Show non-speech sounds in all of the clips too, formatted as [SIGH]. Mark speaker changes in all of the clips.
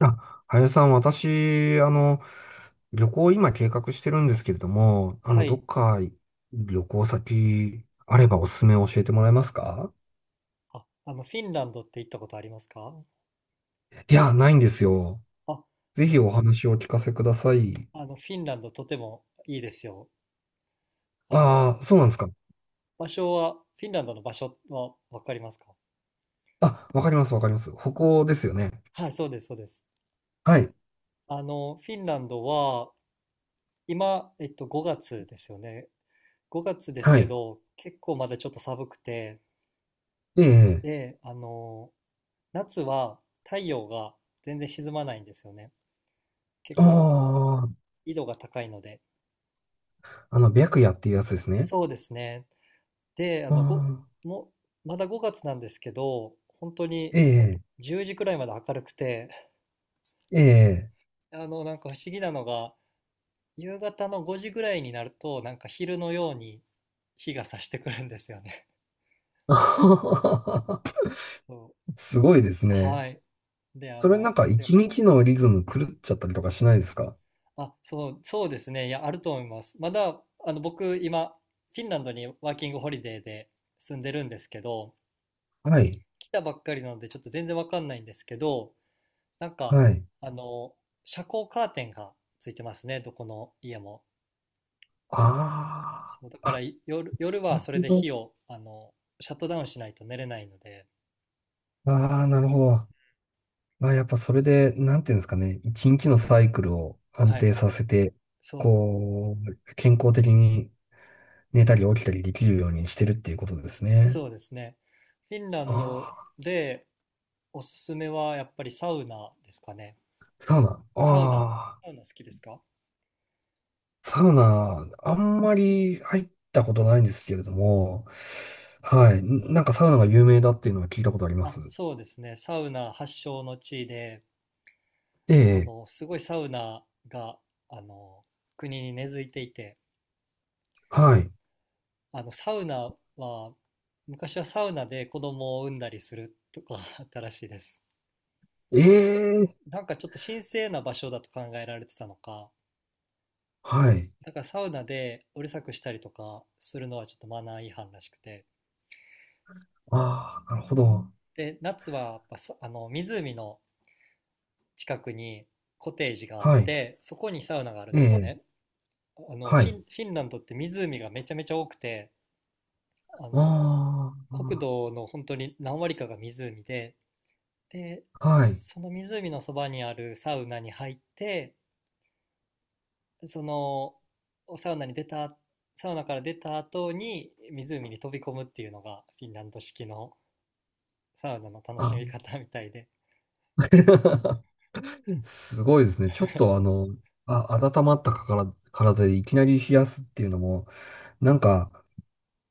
Speaker 1: あ、林さん、私、旅行今計画してるんですけれども、
Speaker 2: は
Speaker 1: ど
Speaker 2: い。
Speaker 1: っか旅行先あればおすすめ教えてもらえますか？
Speaker 2: フィンランドって行ったことありますか？
Speaker 1: いや、ないんですよ。
Speaker 2: あ、あ
Speaker 1: ぜ
Speaker 2: の、
Speaker 1: ひお話をお聞かせください。
Speaker 2: あのフィンランドとてもいいですよ。あの、
Speaker 1: ああ、そうなんですか。
Speaker 2: 場所は、フィンランドの場所はわかりますか？
Speaker 1: あ、わかります、わかります。北欧ですよね。
Speaker 2: はい、そうです、そうです。
Speaker 1: はい、
Speaker 2: フィンランドは、今、5月ですよね。5月です
Speaker 1: は
Speaker 2: け
Speaker 1: い。
Speaker 2: ど、結構まだちょっと寒くて、
Speaker 1: ええ、
Speaker 2: で、あの、夏は太陽が全然沈まないんですよね。結
Speaker 1: あ
Speaker 2: 構、あの、
Speaker 1: あ、
Speaker 2: 緯度が高いので。
Speaker 1: 白夜っていうやつですね。
Speaker 2: そうですね。で、あ
Speaker 1: あ
Speaker 2: の、ご、
Speaker 1: あ、
Speaker 2: もう、まだ5月なんですけど、本当に
Speaker 1: ええ、
Speaker 2: 10時くらいまで明るくて、
Speaker 1: ええ。
Speaker 2: [LAUGHS] なんか不思議なのが、夕方の5時ぐらいになると、なんか昼のように日が差してくるんですよね。
Speaker 1: [LAUGHS]
Speaker 2: [LAUGHS] そ
Speaker 1: すごいです
Speaker 2: う。
Speaker 1: ね。
Speaker 2: はい。で、あ
Speaker 1: それな
Speaker 2: の、
Speaker 1: んか一日のリズム狂っちゃったりとかしないですか？
Speaker 2: あ、そう、そうですね。いや、あると思います。まだ、僕、今、フィンランドにワーキングホリデーで住んでるんですけど、
Speaker 1: はい。
Speaker 2: 来たばっかりなので、ちょっと全然わかんないんですけど、なんか、
Speaker 1: はい。
Speaker 2: あの、遮光カーテンがついてますね、どこの家も。
Speaker 1: あ
Speaker 2: そう、だからい夜
Speaker 1: あ、
Speaker 2: は
Speaker 1: な
Speaker 2: それ
Speaker 1: る
Speaker 2: で
Speaker 1: ほど。
Speaker 2: 火を、シャットダウンしないと寝れないので、
Speaker 1: ああ、なるほど。まあ、やっぱそれで、なんていうんですかね。一日のサイクルを安
Speaker 2: はい、
Speaker 1: 定させて、
Speaker 2: そう、
Speaker 1: こう、健康的に寝たり起きたりできるようにしてるっていうことですね。
Speaker 2: そうですね。フィンラ
Speaker 1: あ
Speaker 2: ンド
Speaker 1: あ、
Speaker 2: でおすすめはやっぱりサウナですかね。
Speaker 1: サウナ。
Speaker 2: サウナ、
Speaker 1: ああ、
Speaker 2: サウナ好きですか？
Speaker 1: サウナ、あんまり入ったことないんですけれども、はい。なんかサウナが有名だっていうのは聞いたことありま
Speaker 2: あ、
Speaker 1: す。
Speaker 2: そうですね。サウナ発祥の地で、
Speaker 1: ええ、
Speaker 2: すごいサウナが、あの、国に根付いていて、
Speaker 1: はい。
Speaker 2: サウナは、昔はサウナで子供を産んだりするとか [LAUGHS] あったらしいです。
Speaker 1: ええ
Speaker 2: なんかちょっと神聖な場所だと考えられてたのか、
Speaker 1: はい。
Speaker 2: だからサウナでうるさくしたりとかするのはちょっとマナー違反らしくて。
Speaker 1: ああ、なるほど。
Speaker 2: で、夏はやっぱさ湖の近くにコテージがあっ
Speaker 1: はい。
Speaker 2: て、そこにサウナがあるんです
Speaker 1: ええ
Speaker 2: ね。あの、フ
Speaker 1: はい。
Speaker 2: ィン、フィンランドって湖がめちゃめちゃ多くて、あの、国
Speaker 1: あ
Speaker 2: 土の本当に何割かが湖で、で、
Speaker 1: あ、はい。
Speaker 2: その湖のそばにあるサウナに入って、そのサウナに出た、サウナから出た後に湖に飛び込むっていうのがフィンランド式のサウナの楽しみ
Speaker 1: あ、
Speaker 2: 方みたいで、
Speaker 1: [LAUGHS] すごいですね。ちょっとあ、温まったかから、体でいきなり冷やすっていうのも、なんか、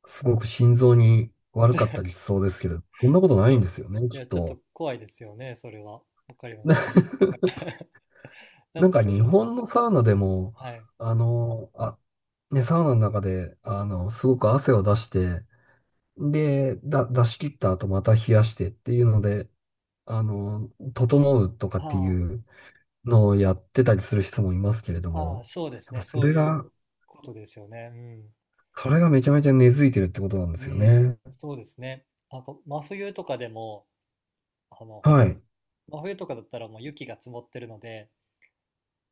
Speaker 1: すごく心臓に悪かったりしそうですけど、そんなことな
Speaker 2: ち
Speaker 1: い
Speaker 2: ょ
Speaker 1: ん
Speaker 2: っ
Speaker 1: で
Speaker 2: と、
Speaker 1: すよね、
Speaker 2: い
Speaker 1: きっ
Speaker 2: や、ちょっ
Speaker 1: と。
Speaker 2: と怖いですよね、それは。わかり
Speaker 1: [LAUGHS]
Speaker 2: ま
Speaker 1: な、
Speaker 2: す。うん。なん
Speaker 1: な
Speaker 2: か
Speaker 1: んか
Speaker 2: ふ、
Speaker 1: 日本のサウナでも、
Speaker 2: はい。
Speaker 1: あ、ね、サウナの中で、すごく汗を出して、で、出し切った後また冷やしてっていうので、あの、整うとかって
Speaker 2: あ
Speaker 1: いうのをやってたりする人もいますけれど
Speaker 2: あ、ああ、
Speaker 1: も、
Speaker 2: そうで
Speaker 1: や
Speaker 2: す
Speaker 1: っぱ
Speaker 2: ね。
Speaker 1: そ
Speaker 2: そう
Speaker 1: れ
Speaker 2: い
Speaker 1: が、
Speaker 2: うことですよね。う
Speaker 1: それがめちゃめちゃ根付いてるってことなんで
Speaker 2: ん。う
Speaker 1: すよ
Speaker 2: ん。
Speaker 1: ね。
Speaker 2: そうですね。なんか、真冬とかでも、あの、
Speaker 1: はい。
Speaker 2: 真冬とかだったらもう雪が積もってるので、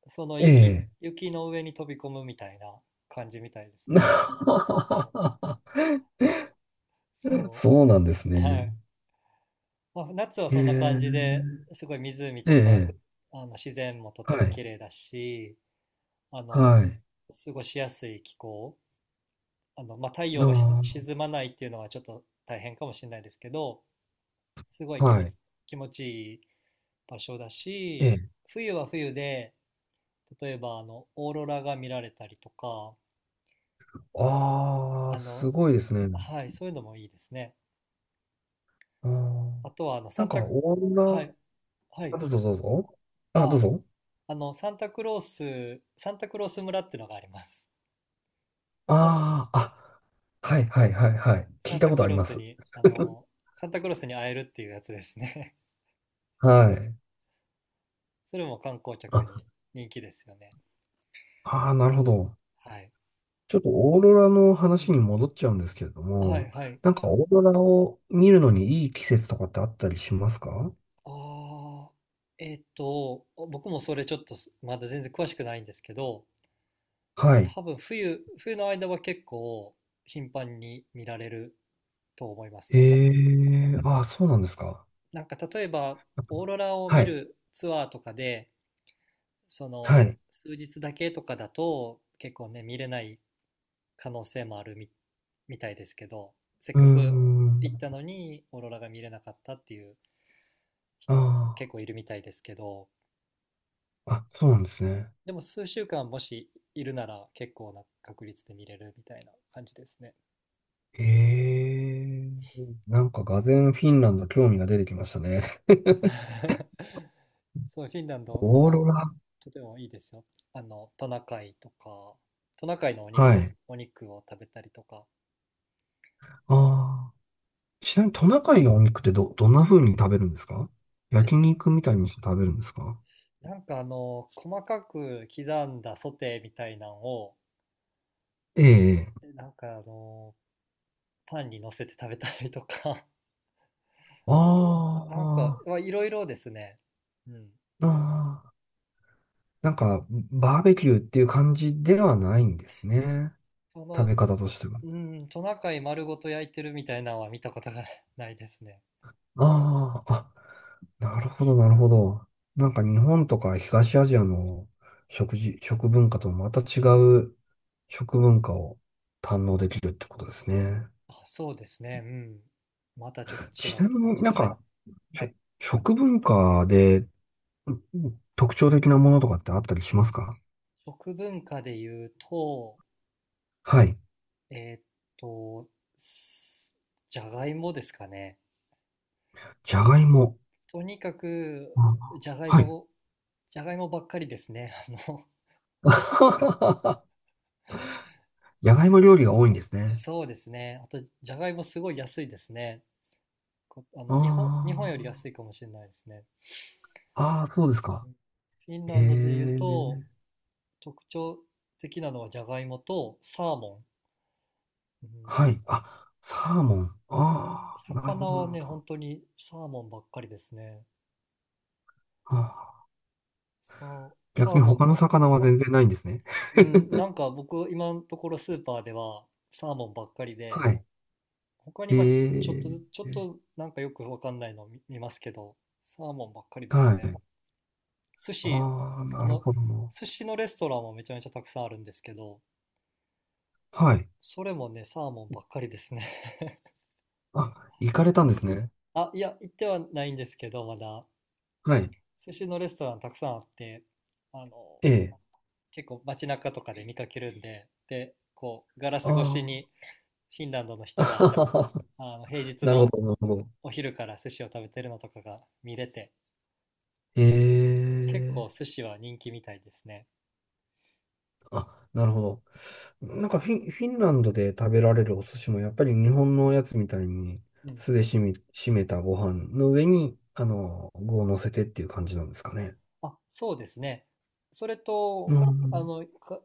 Speaker 2: その
Speaker 1: え
Speaker 2: 雪、
Speaker 1: え。
Speaker 2: 雪の上に飛び込むみたいな感じみたいですね。
Speaker 1: [LAUGHS]
Speaker 2: そ
Speaker 1: そうなんです
Speaker 2: う。
Speaker 1: ね。
Speaker 2: はい。まあ、夏は
Speaker 1: え
Speaker 2: そんな感じ
Speaker 1: え、
Speaker 2: で、すごい湖
Speaker 1: え
Speaker 2: とか、
Speaker 1: え、
Speaker 2: あの自然もと
Speaker 1: は
Speaker 2: ても
Speaker 1: い、
Speaker 2: 綺麗だし、あの、
Speaker 1: はい、
Speaker 2: 過ごしやすい気候。まあ、太陽がし
Speaker 1: あ
Speaker 2: 沈まないっていうのはちょっと大変かもしれないですけど、すご
Speaker 1: あ、
Speaker 2: い気
Speaker 1: は
Speaker 2: 持
Speaker 1: い、
Speaker 2: ち、気持ちいい場所だ
Speaker 1: え
Speaker 2: し、
Speaker 1: え。
Speaker 2: 冬は冬で、例えばあの、オーロラが見られたりとか、
Speaker 1: ああ、
Speaker 2: あ
Speaker 1: す
Speaker 2: の、
Speaker 1: ごいですね。
Speaker 2: はい、そういうのもいいですね。
Speaker 1: あ
Speaker 2: あ
Speaker 1: あ、
Speaker 2: とは、あの、サ
Speaker 1: なん
Speaker 2: ン
Speaker 1: か、
Speaker 2: タ、
Speaker 1: オー
Speaker 2: はい、
Speaker 1: ロ
Speaker 2: は
Speaker 1: ラ、
Speaker 2: い、
Speaker 1: あ、どうぞどうぞ。あ、どう
Speaker 2: あ
Speaker 1: ぞ。
Speaker 2: あ、サンタクロース村ってのがあります。サン、
Speaker 1: ああ、あ、はいはいはいはい。聞
Speaker 2: サ
Speaker 1: い
Speaker 2: ン
Speaker 1: た
Speaker 2: タ
Speaker 1: こと
Speaker 2: ク
Speaker 1: あり
Speaker 2: ロー
Speaker 1: ま
Speaker 2: ス
Speaker 1: す。
Speaker 2: に、サンタクロースに会えるっていうやつですね。
Speaker 1: はい。
Speaker 2: [LAUGHS] それも観光客に
Speaker 1: あ、
Speaker 2: 人気ですよね。
Speaker 1: ああ、なるほど。
Speaker 2: はい。
Speaker 1: ちょっとオーロラの
Speaker 2: う
Speaker 1: 話
Speaker 2: ん。
Speaker 1: に戻っちゃうんですけれど
Speaker 2: はい、
Speaker 1: も、
Speaker 2: はい。
Speaker 1: なんかオーロラを見るのにいい季節とかってあったりしますか？
Speaker 2: ああ、僕もそれちょっとすまだ全然詳しくないんですけど、
Speaker 1: はい。
Speaker 2: 多分冬の間は結構頻繁に見られると思いますね。
Speaker 1: ええ、ああ、そうなんですか。
Speaker 2: なんか例えばオーロラを
Speaker 1: は
Speaker 2: 見
Speaker 1: い。
Speaker 2: るツアーとかでそ
Speaker 1: は
Speaker 2: の
Speaker 1: い。
Speaker 2: 数日だけとかだと結構ね見れない可能性もあるみ、みたいですけどせっ
Speaker 1: うー
Speaker 2: かく
Speaker 1: ん。
Speaker 2: 行ったのにオーロラが見れなかったっていう人も
Speaker 1: あ
Speaker 2: 結構いるみたいですけど
Speaker 1: あ、あ、そうなんですね。
Speaker 2: でも数週間もしいるなら結構な確率で見れるみたいな感じですね。
Speaker 1: ええ、なんか俄然フィンランド興味が出てきましたね。
Speaker 2: [LAUGHS] そう、フィンラン
Speaker 1: [LAUGHS]
Speaker 2: ド、
Speaker 1: オーロラ。
Speaker 2: とてもいいですよ。トナカイとか、トナカイのお肉
Speaker 1: は
Speaker 2: と、
Speaker 1: い。
Speaker 2: お肉を食べたりとか、
Speaker 1: ああ。ちなみにトナカイのお肉ってどんな風に食べるんですか？
Speaker 2: え、
Speaker 1: 焼肉みたいにして食べるんですか？
Speaker 2: なんか細かく刻んだソテーみたいなんを、
Speaker 1: ええ。
Speaker 2: えパンに乗せて食べたりとか、[LAUGHS] なんか、
Speaker 1: ああ、
Speaker 2: まあいろいろですね。うん。
Speaker 1: あーあー。なんか、バーベキューっていう感じではないんですね。
Speaker 2: そ
Speaker 1: 食
Speaker 2: の、
Speaker 1: べ方としては。
Speaker 2: うん、トナカイ丸ごと焼いてるみたいなのは見たことが [LAUGHS] ないですね。
Speaker 1: ああ、あ、なるほど、なるほど。なんか日本とか東アジアの食文化とまた違う食文化を堪能できるってことですね。
Speaker 2: あ、そうですね。うん。またちょっと違
Speaker 1: ち
Speaker 2: っ
Speaker 1: な
Speaker 2: た
Speaker 1: み
Speaker 2: 感
Speaker 1: に
Speaker 2: じ。
Speaker 1: なん
Speaker 2: はい。
Speaker 1: か、はい、食文化で、うん、特徴的なものとかってあったりしますか？
Speaker 2: 食文化で言うと、
Speaker 1: はい。
Speaker 2: えーっと、すじゃがいもですかね。
Speaker 1: じゃがいも。
Speaker 2: とにかく、
Speaker 1: あ、
Speaker 2: じゃがい
Speaker 1: はい。
Speaker 2: も、じゃがいもばっかりですね。[LAUGHS] あの、
Speaker 1: [LAUGHS] じゃがいも料理が多いんですね。
Speaker 2: そうですね。あと、じゃがいもすごい安いですね。こ日本
Speaker 1: あ
Speaker 2: より安いかもしれないですね。
Speaker 1: あ。ああ、そうです
Speaker 2: う
Speaker 1: か。
Speaker 2: ん。フィン
Speaker 1: え
Speaker 2: ランドで言うと、
Speaker 1: え。
Speaker 2: 特徴的なのはじゃがいもとサーモン。うん、
Speaker 1: はい。あ、サーモン。ああ、なるほ
Speaker 2: 魚
Speaker 1: ど、な
Speaker 2: は
Speaker 1: るほ
Speaker 2: ね、本
Speaker 1: ど。
Speaker 2: 当にサーモンばっかりですね。
Speaker 1: あ
Speaker 2: サ
Speaker 1: 逆
Speaker 2: ー
Speaker 1: に
Speaker 2: モン。
Speaker 1: 他の魚は全然ないんですね。
Speaker 2: うん、なんか僕、今のところスーパーではサーモンばっかりで、
Speaker 1: はい。
Speaker 2: 他に
Speaker 1: え
Speaker 2: まあちょっとず、
Speaker 1: え。
Speaker 2: ちょっとなんかよくわかんないの見ますけど、サーモンばっかりです
Speaker 1: は
Speaker 2: ね。
Speaker 1: い。
Speaker 2: 寿司、
Speaker 1: ああ、
Speaker 2: あ
Speaker 1: なる
Speaker 2: の、
Speaker 1: ほど。
Speaker 2: 寿司のレストランもめちゃめちゃたくさんあるんですけど、
Speaker 1: はい。
Speaker 2: それもね、サーモンばっかりですね。
Speaker 1: あ、行かれたんですね。
Speaker 2: [LAUGHS] あ、いや、行ってはないんですけど、まだ、
Speaker 1: はい。
Speaker 2: 寿司のレストランたくさんあって、あの、
Speaker 1: ええ。
Speaker 2: 結構街中とかで見かけるんで、で、こう、ガラス
Speaker 1: あ
Speaker 2: 越しにフィンランドの
Speaker 1: あ。
Speaker 2: 人が、
Speaker 1: [LAUGHS]
Speaker 2: あの平日
Speaker 1: なるほ
Speaker 2: の
Speaker 1: ど、なるほど。
Speaker 2: お昼から寿司を食べてるのとかが見れて、結
Speaker 1: え
Speaker 2: 構
Speaker 1: え、
Speaker 2: 寿司は人気みたいですね。
Speaker 1: あ、なるほど。なんかフィンランドで食べられるお寿司もやっぱり日本のやつみたいに
Speaker 2: うん。
Speaker 1: 酢でしめたご飯の上に、具を乗せてっていう感じなんですかね。
Speaker 2: あ、そうですね。それ
Speaker 1: う
Speaker 2: と、あ
Speaker 1: ん。
Speaker 2: の、か、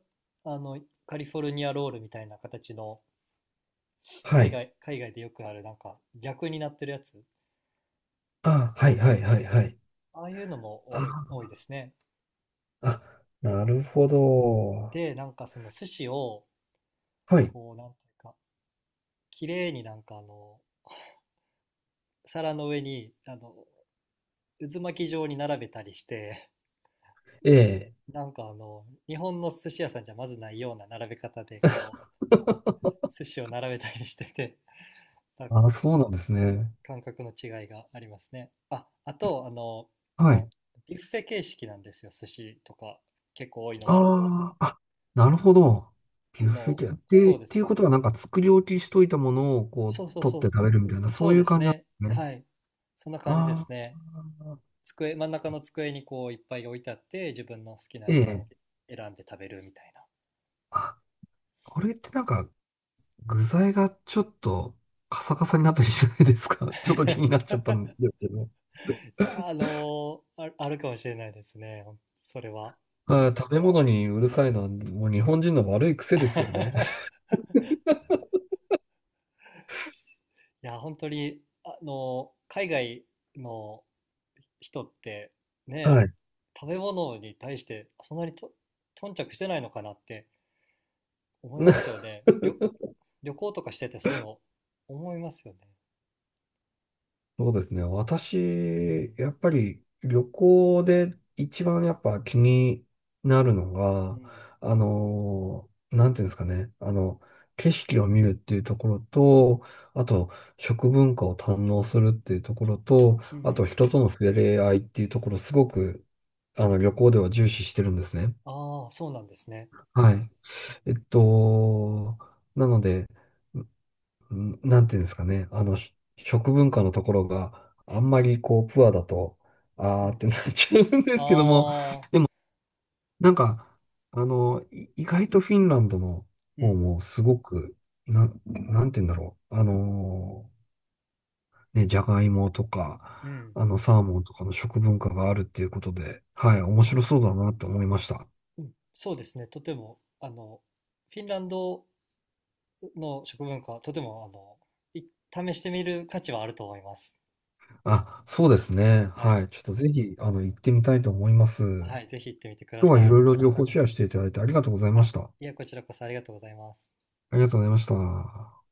Speaker 2: あの、カリフォルニアロールみたいな形の、
Speaker 1: はい。
Speaker 2: 海外でよくあるなんか逆になってるやつ、
Speaker 1: あ、はいはいはいはい。
Speaker 2: ああいうのも
Speaker 1: あ、
Speaker 2: 多いですね。
Speaker 1: あ、なるほど。
Speaker 2: で、なんかその寿司を、
Speaker 1: はい。
Speaker 2: こう、なんていうか、綺麗になんか皿の上に、渦巻き状に並べたりして、
Speaker 1: ええ。
Speaker 2: なんか日本の寿司屋さんじゃまずないような並べ方で、こ寿司を並べたりしてて、[LAUGHS]
Speaker 1: あ、そうなんですね。
Speaker 2: 感覚の違いがありますね。あ、あと、
Speaker 1: はい。
Speaker 2: ビュッフェ形式なんですよ、寿司とか、結構多いのが。
Speaker 1: ああ、あ、なるほど。
Speaker 2: あ
Speaker 1: ビュッフェ
Speaker 2: の、
Speaker 1: 系。
Speaker 2: そ
Speaker 1: で、
Speaker 2: う
Speaker 1: っ
Speaker 2: です。
Speaker 1: ていうことはなんか作り置きしといたものをこ
Speaker 2: そ
Speaker 1: う
Speaker 2: うそう
Speaker 1: 取っ
Speaker 2: そ
Speaker 1: て
Speaker 2: う、
Speaker 1: 食べるみたいな、そ
Speaker 2: そ
Speaker 1: う
Speaker 2: う
Speaker 1: い
Speaker 2: で
Speaker 1: う
Speaker 2: す
Speaker 1: 感じなん
Speaker 2: ね。
Speaker 1: ですね。
Speaker 2: はい。そんな感じで
Speaker 1: あ
Speaker 2: すね。
Speaker 1: あ、
Speaker 2: 机、真ん中の机にこういっぱい置いてあって、自分の好きな
Speaker 1: え
Speaker 2: やつを
Speaker 1: え。
Speaker 2: 選んで食べるみたいな。
Speaker 1: あ、これってなんか具材がちょっとカサカサになったりしないですか？ [LAUGHS] ちょっと気になっ
Speaker 2: [LAUGHS] い
Speaker 1: ちゃったんですけど。
Speaker 2: やー、あるかもしれないですね、ほんそれは。
Speaker 1: はい、食べ物にうるさいのはもう日本人の悪い癖で
Speaker 2: [LAUGHS] い
Speaker 1: すよね。
Speaker 2: や、本当に、海外の人って
Speaker 1: [LAUGHS] は
Speaker 2: ね
Speaker 1: い。
Speaker 2: 食べ物に対してそんなにと頓着してないのかなって思いますよ
Speaker 1: [LAUGHS]
Speaker 2: ね旅行とかしててそういうの思いますよね。
Speaker 1: そうですね。
Speaker 2: う
Speaker 1: 私、
Speaker 2: ん
Speaker 1: やっぱり旅行で一番やっぱ気になるの
Speaker 2: う
Speaker 1: が、
Speaker 2: ん
Speaker 1: なんていうんですかね。景色を見るっていうところと、あと、食文化を堪能するっていうところと、
Speaker 2: うんう
Speaker 1: あと、
Speaker 2: ん。
Speaker 1: 人との触れ合いっていうところ、すごく、旅行では重視してるんですね。
Speaker 2: ああそうなんですね。
Speaker 1: はい。
Speaker 2: う
Speaker 1: えっと、なので、なんていうんですかね、食文化のところがあんまりこう、プアだと、あ
Speaker 2: ん
Speaker 1: ー
Speaker 2: う
Speaker 1: っ
Speaker 2: ん。
Speaker 1: てなっちゃうんですけども、
Speaker 2: ああ。
Speaker 1: なんか、意外とフィンランドの
Speaker 2: う
Speaker 1: 方
Speaker 2: ん
Speaker 1: もすごく、なんていうんだろう、ね、じゃがいもと
Speaker 2: う
Speaker 1: か、
Speaker 2: ん。
Speaker 1: サーモンとかの食文化があるっていうことで、はい、面白
Speaker 2: あ。
Speaker 1: そうだなって思いました。
Speaker 2: うん。そうですね。とてもフィンランドの食文化とてもあのい試してみる価値はあると思います。
Speaker 1: あ、そうですね。
Speaker 2: はい。
Speaker 1: はい。ちょっとぜひ、行ってみたいと思います。
Speaker 2: はいぜひ行ってみてくだ
Speaker 1: 今日はい
Speaker 2: さい。
Speaker 1: ろいろ情報シェアしていただいてありがとうございまし
Speaker 2: あ
Speaker 1: た。
Speaker 2: いやこちらこそありがとうございます。
Speaker 1: ありがとうございました。